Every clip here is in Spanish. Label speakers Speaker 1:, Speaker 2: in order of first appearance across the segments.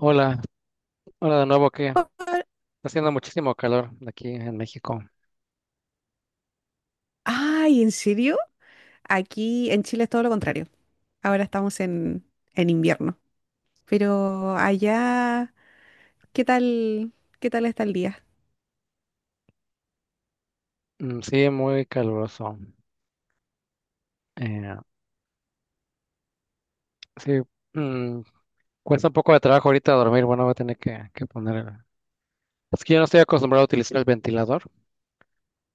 Speaker 1: Hola, hola de nuevo, que está haciendo muchísimo calor aquí en México.
Speaker 2: Ay, ¿en serio? Aquí en Chile es todo lo contrario. Ahora estamos en invierno. Pero allá, ¿qué tal, qué tal está el día?
Speaker 1: Mm, sí, muy caluroso. Eh, sí, mm, cuesta un poco de trabajo ahorita dormir. Bueno, voy a tener que poner. Es que yo no estoy acostumbrado a utilizar el ventilador,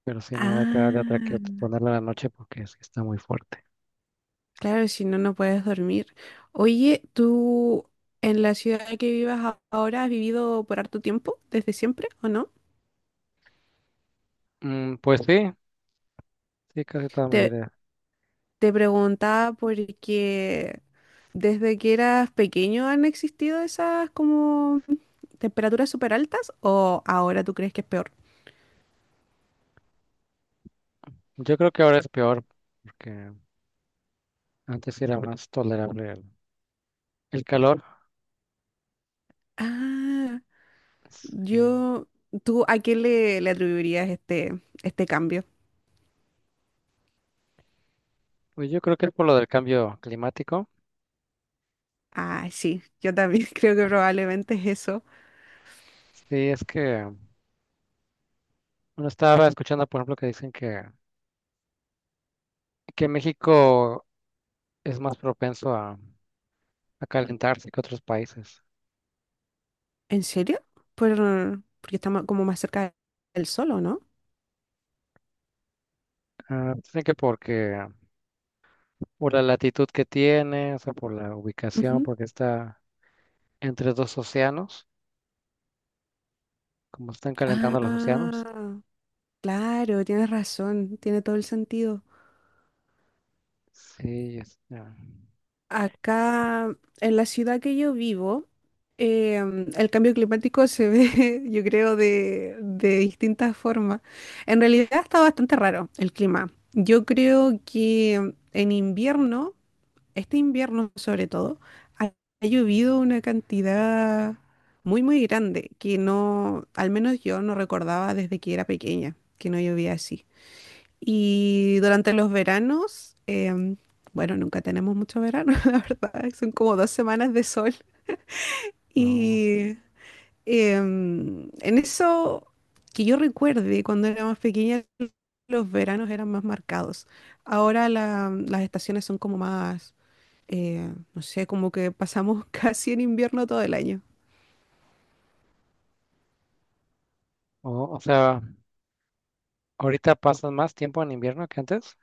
Speaker 1: pero sí, no va a quedar de otra que
Speaker 2: Ah,
Speaker 1: ponerlo en la noche porque sí está muy fuerte.
Speaker 2: claro, si no, no puedes dormir. Oye, ¿tú en la ciudad que vivas ahora has vivido por harto tiempo, desde siempre o no?
Speaker 1: Mm, pues sí, sí, casi toda mi
Speaker 2: Te,
Speaker 1: vida.
Speaker 2: te preguntaba porque desde que eras pequeño han existido esas como temperaturas súper altas, ¿o ahora tú crees que es peor?
Speaker 1: Yo creo que ahora es peor porque antes sí era más tolerable el calor.
Speaker 2: Ah,
Speaker 1: Sí.
Speaker 2: yo, ¿tú a qué le atribuirías este cambio?
Speaker 1: Pues yo creo que es por lo del cambio climático.
Speaker 2: Ah, sí, yo también creo que probablemente es eso.
Speaker 1: Sí, es que. Bueno, estaba escuchando, por ejemplo, que México es más propenso a calentarse que otros países.
Speaker 2: ¿En serio? Por, porque estamos como más cerca del sol, ¿o no?
Speaker 1: Ah, dicen por la latitud que tiene, o sea, por la ubicación,
Speaker 2: Ujú.
Speaker 1: porque está entre dos océanos, como están calentando los océanos.
Speaker 2: Ah, claro, tienes razón, tiene todo el sentido.
Speaker 1: Sí, es- ah,
Speaker 2: Acá, en la ciudad que yo vivo, el cambio climático se ve, yo creo, de distintas formas. En realidad está bastante raro el clima. Yo creo que en invierno, este invierno sobre todo, ha, ha llovido una cantidad muy, muy grande que no, al menos yo no recordaba desde que era pequeña, que no llovía así. Y durante los veranos, bueno, nunca tenemos mucho verano, la verdad, son como dos semanas de sol.
Speaker 1: oh,
Speaker 2: Y en eso que yo recuerde, cuando era más pequeña, los veranos eran más marcados. Ahora las estaciones son como más, no sé, como que pasamos casi en invierno todo el año.
Speaker 1: oh, o sea, ahorita pasan más tiempo en invierno que antes.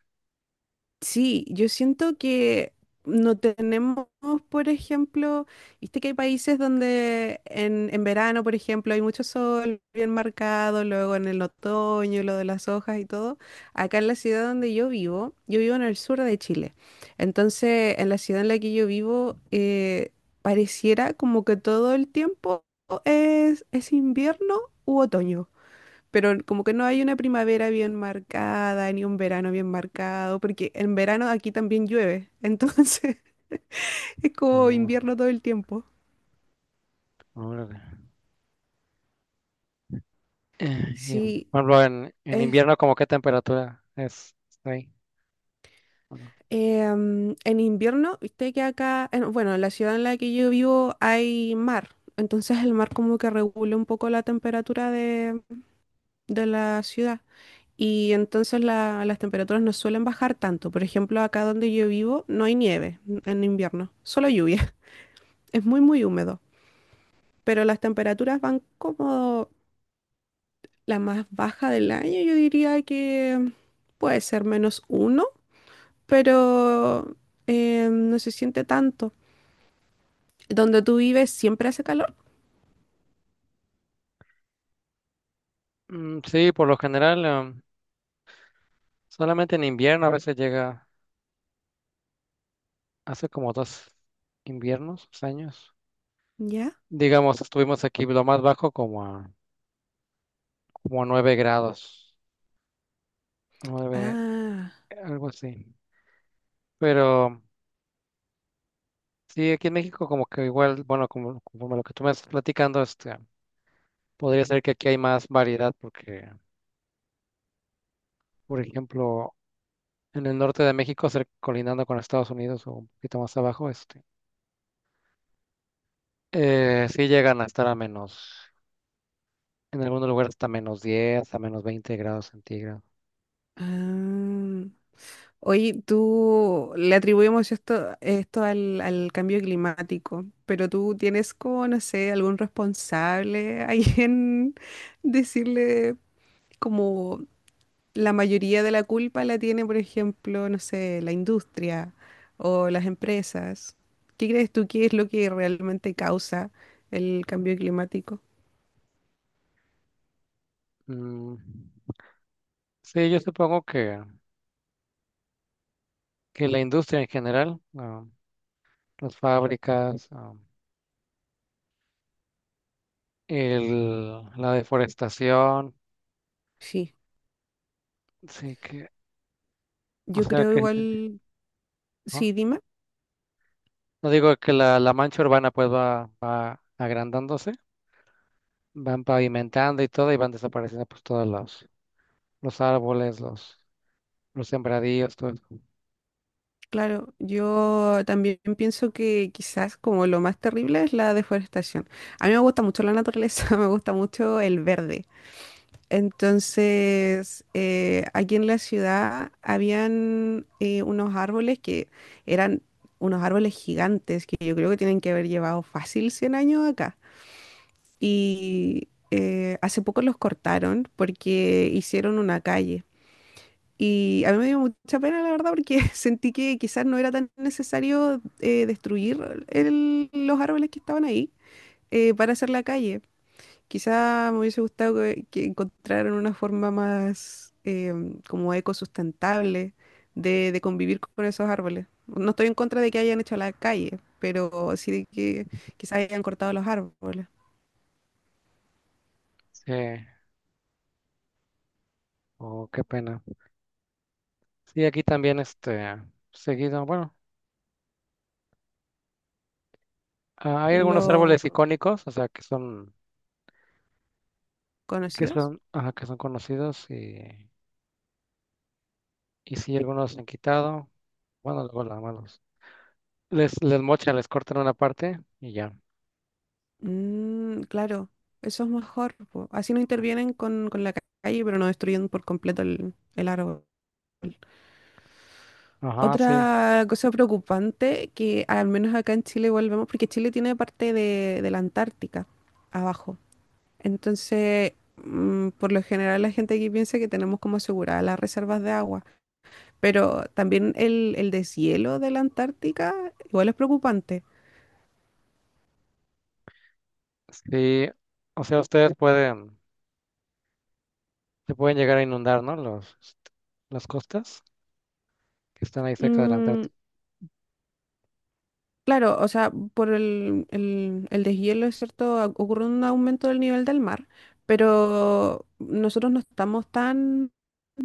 Speaker 2: Sí, yo siento que no tenemos, por ejemplo, viste que hay países donde en verano, por ejemplo, hay mucho sol bien marcado, luego en el otoño, lo de las hojas y todo. Acá en la ciudad donde yo vivo en el sur de Chile. Entonces, en la ciudad en la que yo vivo, pareciera como que todo el tiempo es invierno u otoño, pero como que no hay una primavera bien marcada, ni un verano bien marcado, porque en verano aquí también llueve, entonces es como
Speaker 1: Oh,
Speaker 2: invierno todo el tiempo.
Speaker 1: órale. Y,
Speaker 2: Sí,
Speaker 1: por ejemplo, en
Speaker 2: es,
Speaker 1: invierno, ¿como qué temperatura es? ¿Está ahí?
Speaker 2: en invierno, viste que acá, bueno, en la ciudad en la que yo vivo hay mar, entonces el mar como que regula un poco la temperatura de la ciudad. Y entonces las temperaturas no suelen bajar tanto. Por ejemplo, acá donde yo vivo no hay nieve en invierno, solo lluvia. Es muy, muy húmedo, pero las temperaturas van como la más baja del año. Yo diría que puede ser -1, pero no se siente tanto. ¿Donde tú vives siempre hace calor?
Speaker 1: Mm, sí, por lo general, solamente en invierno a veces llega, hace como dos inviernos, dos años.
Speaker 2: ¿Ya?
Speaker 1: Digamos, estuvimos aquí lo más bajo como a 9 grados, nueve
Speaker 2: Ah,
Speaker 1: algo así. Pero sí, aquí en México como que igual, bueno, como lo que tú me estás platicando, este, podría ser que aquí hay más variedad porque, por ejemplo, en el norte de México, cerca- colindando con Estados Unidos o un poquito más abajo, este, sí llegan a estar a menos. En algunos lugares hasta menos 10 a menos 20 grados centígrados.
Speaker 2: ah. Oye, tú le atribuimos esto, al cambio climático, pero tú tienes como, no sé, algún responsable ahí, en decirle como la mayoría de la culpa la tiene, por ejemplo, no sé, la industria o las empresas. ¿Qué crees tú que es lo que realmente causa el cambio climático?
Speaker 1: Mm, sí, yo supongo que la industria en general, las fábricas, la deforestación,
Speaker 2: Sí.
Speaker 1: sí que, o
Speaker 2: Yo
Speaker 1: sea
Speaker 2: creo
Speaker 1: que,
Speaker 2: igual,
Speaker 1: ¿no?
Speaker 2: sí, Dima,
Speaker 1: No digo que la mancha urbana pues va, va agrandándose, van pavimentando y todo y van desapareciendo pues todos los árboles, los sembradíos, todo eso.
Speaker 2: claro, yo también pienso que quizás como lo más terrible es la deforestación. A mí me gusta mucho la naturaleza, me gusta mucho el verde. Entonces, aquí en la ciudad habían unos árboles que eran unos árboles gigantes que yo creo que tienen que haber llevado fácil 100 años acá. Y hace poco los cortaron porque hicieron una calle. Y a mí me dio mucha pena, la verdad, porque sentí que quizás no era tan necesario destruir los árboles que estaban ahí, para hacer la calle. Quizá me hubiese gustado que encontraran una forma más como ecosustentable de, convivir con esos árboles. No estoy en contra de que hayan hecho la calle, pero sí de que quizá hayan cortado los árboles.
Speaker 1: Sí, oh, qué pena. Sí, aquí también este, seguido, bueno. Ah, hay algunos
Speaker 2: ¿Los
Speaker 1: árboles icónicos, o sea,
Speaker 2: conocidos?
Speaker 1: ajá, que son conocidos y sí, algunos se han quitado. Bueno, luego nada más les, les mochan, les cortan una parte y ya.
Speaker 2: Mm, claro, eso es mejor, po. Así no intervienen con la calle, pero no destruyen por completo el árbol.
Speaker 1: Ajá, sí,
Speaker 2: Otra cosa preocupante, que al menos acá en Chile volvemos, porque Chile tiene parte de, la Antártica abajo. Entonces, por lo general la gente aquí piensa que tenemos como aseguradas las reservas de agua, pero también el deshielo de la Antártica igual es preocupante.
Speaker 1: sí. O sea, ustedes pueden, se pueden llegar a inundar, ¿no? Los, este, las costas que están ahí cerca de la
Speaker 2: Mm,
Speaker 1: Antártica.
Speaker 2: claro, o sea, por el deshielo, es cierto, ocurre un aumento del nivel del mar, pero nosotros no estamos tan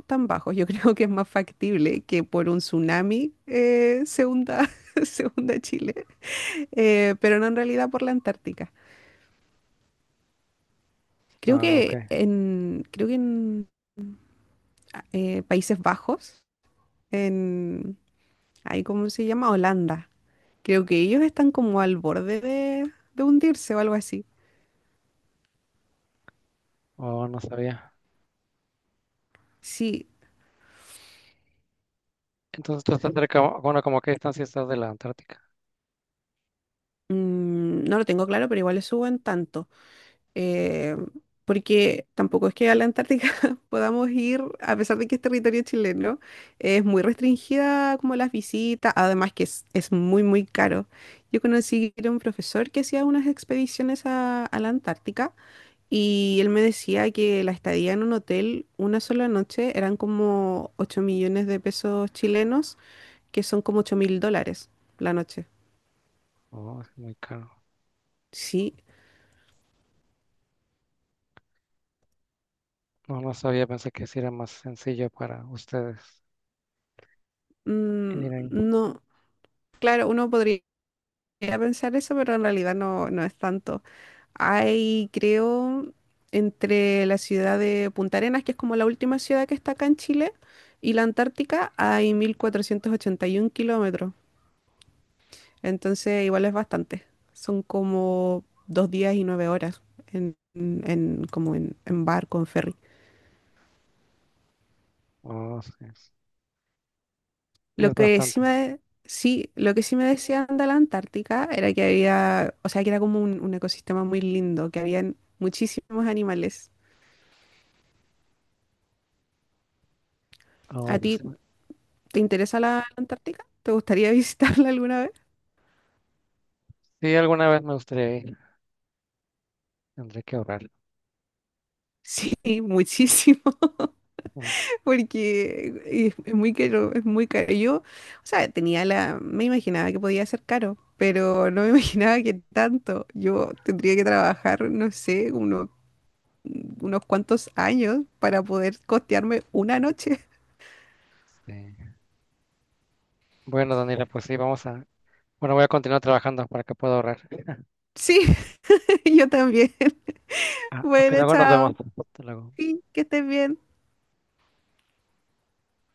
Speaker 2: tan bajos. Yo creo que es más factible que por un tsunami, se hunda, se hunda Chile, pero no en realidad por la Antártica. Creo
Speaker 1: Ah, ok.
Speaker 2: que en, creo que en Países Bajos, en, ahí cómo se llama, Holanda. Creo que ellos están como al borde de hundirse o algo así.
Speaker 1: Oh, no sabía.
Speaker 2: Sí,
Speaker 1: Entonces tú estás cerca, bueno, como a qué distancia estás de la Antártica.
Speaker 2: no lo tengo claro, pero igual le suben tanto. eh, porque tampoco es que a la Antártica podamos ir, a pesar de que es territorio chileno, es muy restringida como las visitas, además que es muy, muy caro. Yo conocí a un profesor que hacía unas expediciones a la Antártica, y él me decía que la estadía en un hotel una sola noche eran como 8.000.000 de pesos chilenos, que son como 8.000 dólares la noche.
Speaker 1: Oh, es muy caro.
Speaker 2: Sí,
Speaker 1: No, no sabía, pensé que sí era más sencillo para ustedes
Speaker 2: mm,
Speaker 1: ir ahí.
Speaker 2: no. Claro, uno podría a pensar eso, pero en realidad no, no es tanto. Hay, creo, entre la ciudad de Punta Arenas, que es como la última ciudad que está acá en Chile, y la Antártica, hay 1.481 kilómetros. Entonces, igual es bastante. Son como 2 días y 9 horas en, como en barco, en ferry.
Speaker 1: Oh, sí, es
Speaker 2: Lo que sí
Speaker 1: bastante.
Speaker 2: me, sí, lo que sí me decían de la Antártica era que había, o sea, que era como un ecosistema muy lindo, que habían muchísimos animales. ¿A
Speaker 1: Oh, pues,
Speaker 2: ti
Speaker 1: sí,
Speaker 2: te interesa la Antártica? ¿Te gustaría visitarla alguna vez?
Speaker 1: sí, alguna vez me gustaría ir. Tendré que ahorrar.
Speaker 2: Sí, muchísimo,
Speaker 1: ¿No?
Speaker 2: porque es muy caro, es muy caro. Yo, o sea, tenía la, me imaginaba que podía ser caro, pero no me imaginaba que tanto. Yo tendría que trabajar, no sé, unos cuantos años para poder costearme una noche.
Speaker 1: Sí. Bueno, Daniela, pues sí, vamos a... Bueno, voy a continuar trabajando para que pueda ahorrar.
Speaker 2: Sí, yo también.
Speaker 1: Ah, ok,
Speaker 2: Bueno,
Speaker 1: luego nos
Speaker 2: chao.
Speaker 1: vemos. Hasta luego.
Speaker 2: Sí, que estés bien.